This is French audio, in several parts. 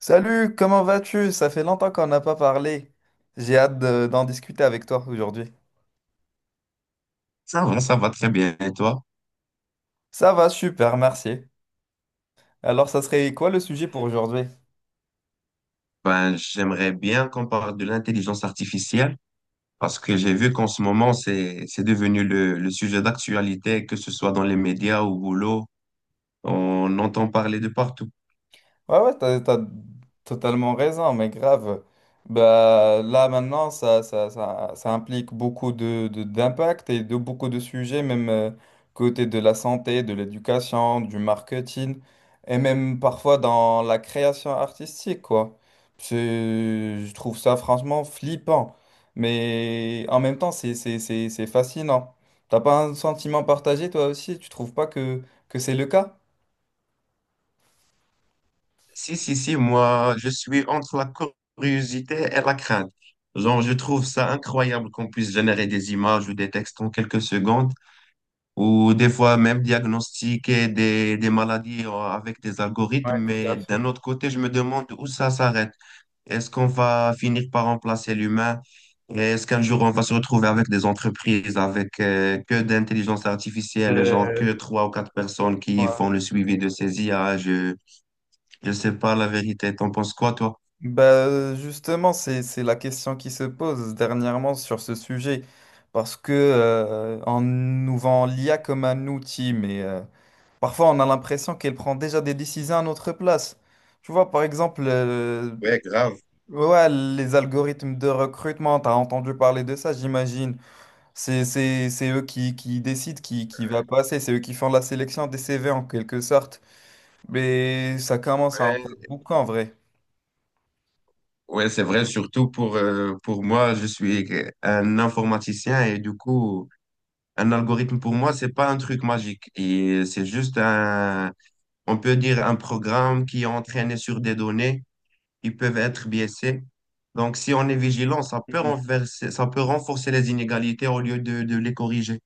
Salut, comment vas-tu? Ça fait longtemps qu'on n'a pas parlé. J'ai hâte d'en discuter avec toi aujourd'hui. Ça va très bien. Et toi? Ça va, super, merci. Alors, ça serait quoi le sujet pour aujourd'hui? Ben, j'aimerais bien qu'on parle de l'intelligence artificielle parce que j'ai vu qu'en ce moment, c'est devenu le sujet d'actualité, que ce soit dans les médias ou au boulot. On entend parler de partout. Ouais, ouais, t'as totalement raison, mais grave. Bah, là, maintenant, ça implique beaucoup d'impact et de beaucoup de sujets, même côté de la santé, de l'éducation, du marketing, et même parfois dans la création artistique, quoi. C'est- Je trouve ça franchement flippant, mais en même temps, c'est fascinant. T'as pas un sentiment partagé, toi aussi? Tu trouves pas que c'est le cas? Si, si, si, moi, je suis entre la curiosité et la crainte. Genre, je trouve ça incroyable qu'on puisse générer des images ou des textes en quelques secondes ou des fois même diagnostiquer des maladies avec des algorithmes, Ouais, tout mais à fait. d'un autre côté, je me demande où ça s'arrête. Est-ce qu'on va finir par remplacer l'humain? Est-ce qu'un jour on va se retrouver avec des entreprises avec que d'intelligence artificielle, genre que Euh, trois ou quatre personnes qui font ouais. le suivi de ces IA? Je ne sais pas la vérité. T'en penses quoi, toi? Justement, c'est la question qui se pose dernièrement sur ce sujet. On nous vend l'IA comme un outil, mais parfois on a l'impression qu'elle prend déjà des décisions à notre place. Tu vois, par exemple, Ouais, grave. ouais, les algorithmes de recrutement, tu as entendu parler de ça, j'imagine. C'est eux qui décident qui va passer, c'est eux qui font la sélection des CV en quelque sorte. Mais ça commence à en faire Ouais, beaucoup en vrai. ouais, c'est vrai, surtout pour moi, je suis un informaticien et du coup, un algorithme pour moi, c'est pas un truc magique. Et c'est juste un, on peut dire un programme qui est entraîné sur des données qui peuvent être biaisées. Donc, si on est vigilant, ça peut renverser, ça peut renforcer les inégalités au lieu de les corriger.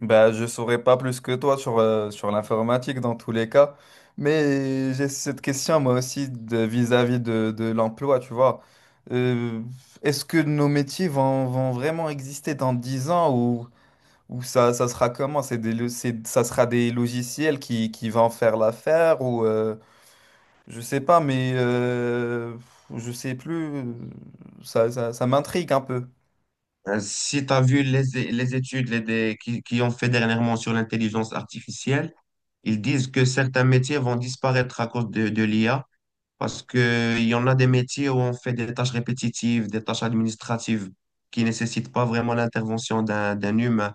Bah, je saurais pas plus que toi sur, sur l'informatique dans tous les cas, mais j'ai cette question moi aussi vis-à-vis de l'emploi, tu vois. Euh, est-ce que nos métiers vont vraiment exister dans 10 ans ou ça sera comment? C'est ça sera des logiciels qui vont faire l'affaire ou je sais pas, mais je sais plus, ça m'intrigue un peu. Si tu as vu les, qui ont fait dernièrement sur l'intelligence artificielle, ils disent que certains métiers vont disparaître à cause de l'IA parce que il y en a des métiers où on fait des tâches répétitives, des tâches administratives qui nécessitent pas vraiment l'intervention d'un humain.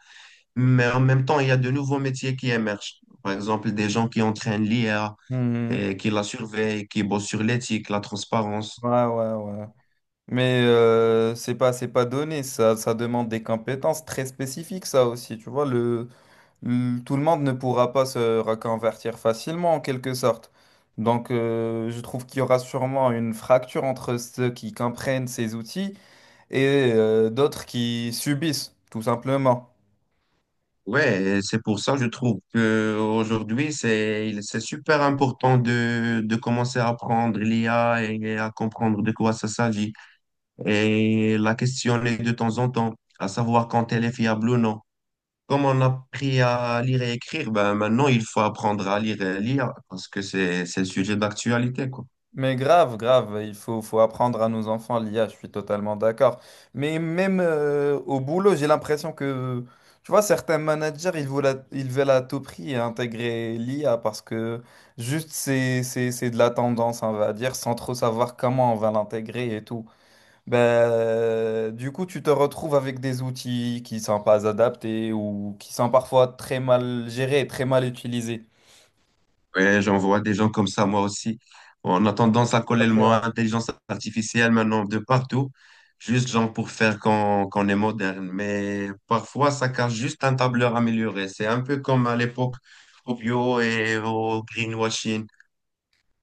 Mais en même temps, il y a de nouveaux métiers qui émergent. Par exemple, des gens qui entraînent l'IA Mhm. et qui la surveillent, qui bossent sur l'éthique, la transparence. Ouais, ouais, ouais. Mais c'est pas donné, ça demande des compétences très spécifiques, ça aussi, tu vois, tout le monde ne pourra pas se reconvertir facilement, en quelque sorte. Donc, je trouve qu'il y aura sûrement une fracture entre ceux qui comprennent ces outils et d'autres qui subissent, tout simplement. Ouais, et c'est pour ça que je trouve que aujourd'hui c'est super important de commencer à apprendre l'IA et à comprendre de quoi ça s'agit et la questionner de temps en temps, à savoir quand elle est fiable ou non. Comme on a appris à lire et écrire, ben maintenant il faut apprendre à lire et à lire parce que c'est le sujet d'actualité, quoi. Mais grave, grave, il faut, faut apprendre à nos enfants l'IA, je suis totalement d'accord. Mais même au boulot, j'ai l'impression que, tu vois, certains managers, ils veulent à tout prix intégrer l'IA parce que juste c'est de la tendance, on va dire, sans trop savoir comment on va l'intégrer et tout. Du coup, tu te retrouves avec des outils qui sont pas adaptés ou qui sont parfois très mal gérés et très mal utilisés. Ouais, j'en vois des gens comme ça, moi aussi. On a tendance à coller le mot intelligence artificielle maintenant de partout, juste genre pour faire qu'on est moderne. Mais parfois, ça cache juste un tableur amélioré. C'est un peu comme à l'époque au bio et au greenwashing.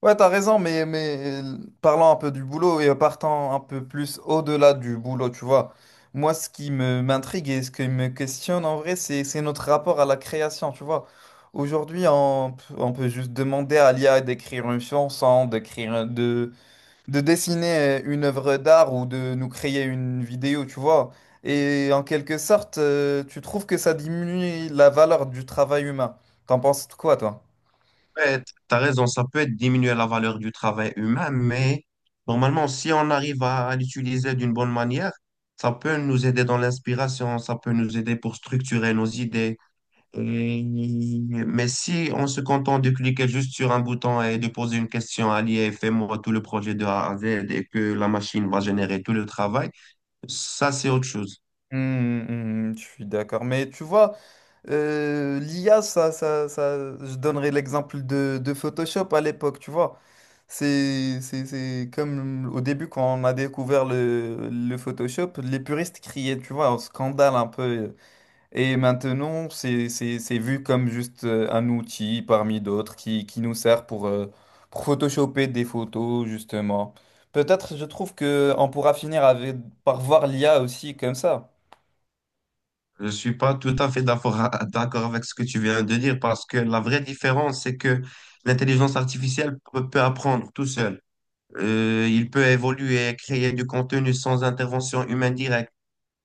Ouais, t'as raison, mais parlant un peu du boulot et partant un peu plus au-delà du boulot, tu vois. Moi, ce qui me m'intrigue et ce qui me questionne en vrai, c'est notre rapport à la création, tu vois. Aujourd'hui, on peut juste demander à l'IA d'écrire une chanson, de dessiner une œuvre d'art ou de nous créer une vidéo, tu vois. Et en quelque sorte, tu trouves que ça diminue la valeur du travail humain. T'en penses quoi, toi? Ouais, t'as raison, ça peut être diminuer la valeur du travail humain, mais normalement, si on arrive à l'utiliser d'une bonne manière, ça peut nous aider dans l'inspiration, ça peut nous aider pour structurer nos idées. Et- mais si on se contente de cliquer juste sur un bouton et de poser une question à l'IA et fais-moi tout le projet de A à Z et que la machine va générer tout le travail, ça c'est autre chose. Je suis d'accord. Mais tu vois, l'IA, je donnerai l'exemple de Photoshop à l'époque, tu vois. C'est comme au début quand on a découvert le Photoshop, les puristes criaient, tu vois, un scandale un peu. Et maintenant, c'est vu comme juste un outil parmi d'autres qui nous sert pour photoshopper des photos, justement. Peut-être, je trouve que on pourra finir avec, par voir l'IA aussi comme ça. Je suis pas tout à fait d'accord d'accord avec ce que tu viens de dire parce que la vraie différence, c'est que l'intelligence artificielle peut apprendre tout seul. Il peut évoluer et créer du contenu sans intervention humaine directe.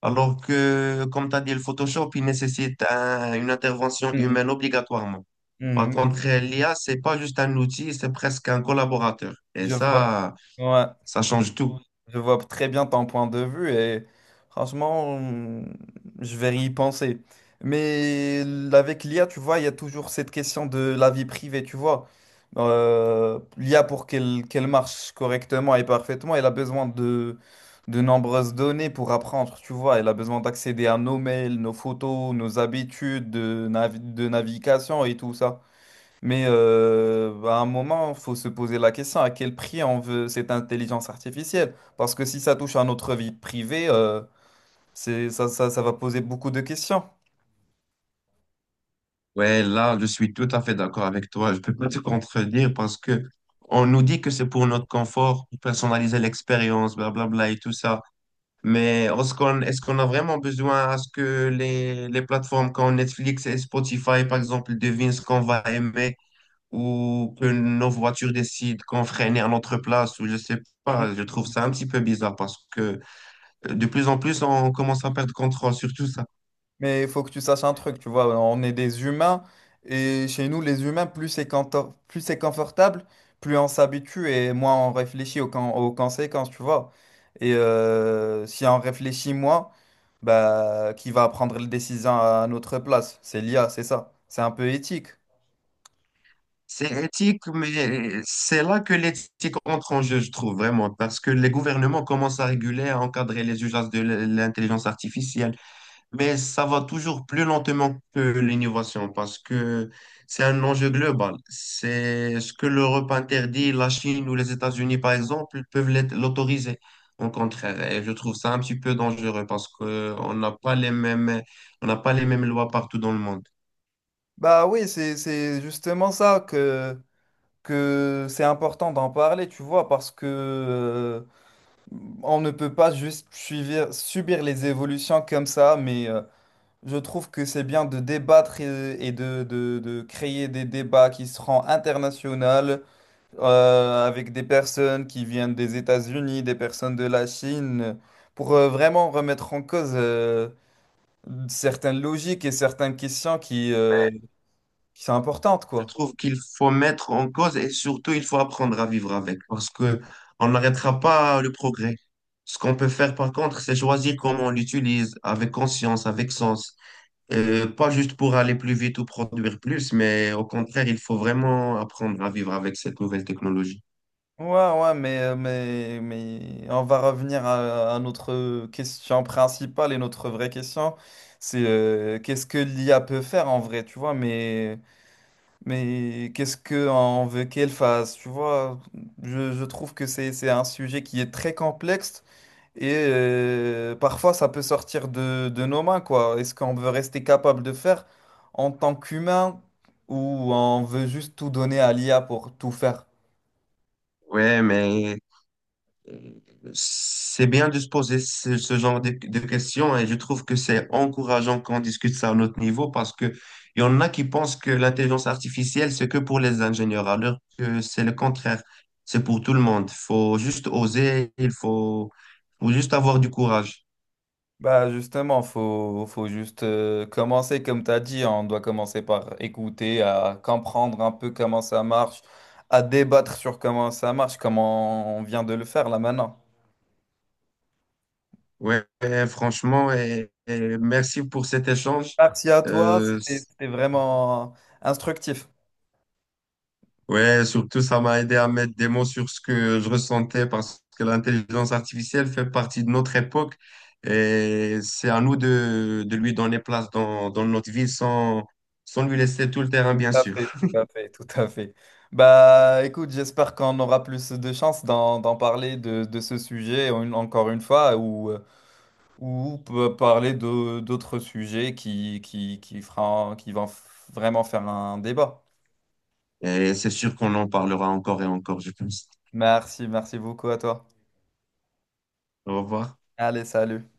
Alors que, comme tu as dit, le Photoshop, il nécessite une intervention Mhm. humaine obligatoirement. Par Mhm. contre, l'IA, c'est pas juste un outil, c'est presque un collaborateur. Et Je vois. ça, Ouais. ça change tout. Je vois très bien ton point de vue et franchement, je vais y penser. Mais avec l'IA, tu vois, il y a toujours cette question de la vie privée, tu vois. l'IA, pour qu'elle marche correctement et parfaitement, elle a besoin de nombreuses données pour apprendre, tu vois. Elle a besoin d'accéder à nos mails, nos photos, nos habitudes de navigation et tout ça. Mais à un moment, faut se poser la question à quel prix on veut cette intelligence artificielle. Parce que si ça touche à notre vie privée, ça va poser beaucoup de questions. Ouais, là, je suis tout à fait d'accord avec toi. Je peux pas te contredire parce que on nous dit que c'est pour notre confort, pour personnaliser l'expérience, blablabla et tout ça. Mais est-ce qu'on a vraiment besoin à ce que les plateformes comme Netflix et Spotify, par exemple, devinent ce qu'on va aimer ou que nos voitures décident qu'on freine à notre place ou je sais Mm. pas. Je trouve ça un petit peu bizarre parce que de plus en plus, on commence à perdre contrôle sur tout ça. Mais il faut que tu saches un truc, tu vois, on est des humains et chez nous, les humains, plus c'est confortable, plus on s'habitue et moins on réfléchit aux conséquences, tu vois. Et si on réfléchit moins, bah, qui va prendre les décisions à notre place? C'est l'IA, c'est ça. C'est un peu éthique. C'est éthique, mais c'est là que l'éthique entre en jeu, je trouve vraiment, parce que les gouvernements commencent à réguler, à encadrer les usages de l'intelligence artificielle, mais ça va toujours plus lentement que l'innovation, parce que c'est un enjeu global. C'est ce que l'Europe interdit, la Chine ou les États-Unis, par exemple, peuvent l'autoriser. Au contraire, et je trouve ça un petit peu dangereux parce que on n'a pas les mêmes, on n'a pas les mêmes lois partout dans le monde. Bah oui, c'est justement ça que c'est important d'en parler, tu vois, parce que on ne peut pas juste suivre, subir les évolutions comme ça, mais je trouve que c'est bien de débattre et de créer des débats qui seront internationaux avec des personnes qui viennent des États-Unis, des personnes de la Chine, pour vraiment remettre en cause certaines logiques et certaines questions qui sont importantes, Je quoi. trouve qu'il faut mettre en cause et surtout il faut apprendre à vivre avec parce que on n'arrêtera pas le progrès. Ce qu'on peut faire par contre, c'est choisir comment on l'utilise avec conscience, avec sens, pas juste pour aller plus vite ou produire plus, mais au contraire, il faut vraiment apprendre à vivre avec cette nouvelle technologie. Ouais, ouais, mais on va revenir à notre question principale et notre vraie question, c'est qu'est-ce que l'IA peut faire en vrai, tu vois, mais qu'est-ce qu'on veut qu'elle fasse, tu vois. Je trouve que c'est un sujet qui est très complexe et parfois ça peut sortir de nos mains, quoi. Est-ce qu'on veut rester capable de faire en tant qu'humain ou on veut juste tout donner à l'IA pour tout faire? Ouais, mais c'est bien de se poser ce genre de questions et je trouve que c'est encourageant qu'on discute ça à notre niveau parce que il y en a qui pensent que l'intelligence artificielle, c'est que pour les ingénieurs, alors que c'est le contraire. C'est pour tout le monde. Faut juste oser, faut juste avoir du courage. Bah justement, faut juste commencer comme tu as dit, hein. On doit commencer par écouter, à comprendre un peu comment ça marche, à débattre sur comment ça marche, comment on vient de le faire là maintenant. Ouais, franchement, et merci pour cet échange. Merci à toi, Euh, c'était vraiment instructif. Ouais, surtout, ça m'a aidé à mettre des mots sur ce que je ressentais parce que l'intelligence artificielle fait partie de notre époque et c'est à nous de lui donner place dans, dans notre vie sans, sans lui laisser tout le terrain, bien Tout à sûr. fait, tout à fait, tout à fait. Bah écoute, j'espère qu'on aura plus de chance d'en parler de ce sujet encore une fois, ou peut parler de d'autres sujets qui qui vont vraiment faire un débat. Et c'est sûr qu'on en parlera encore et encore, je pense. Merci, merci beaucoup à toi. Au revoir. Allez, salut.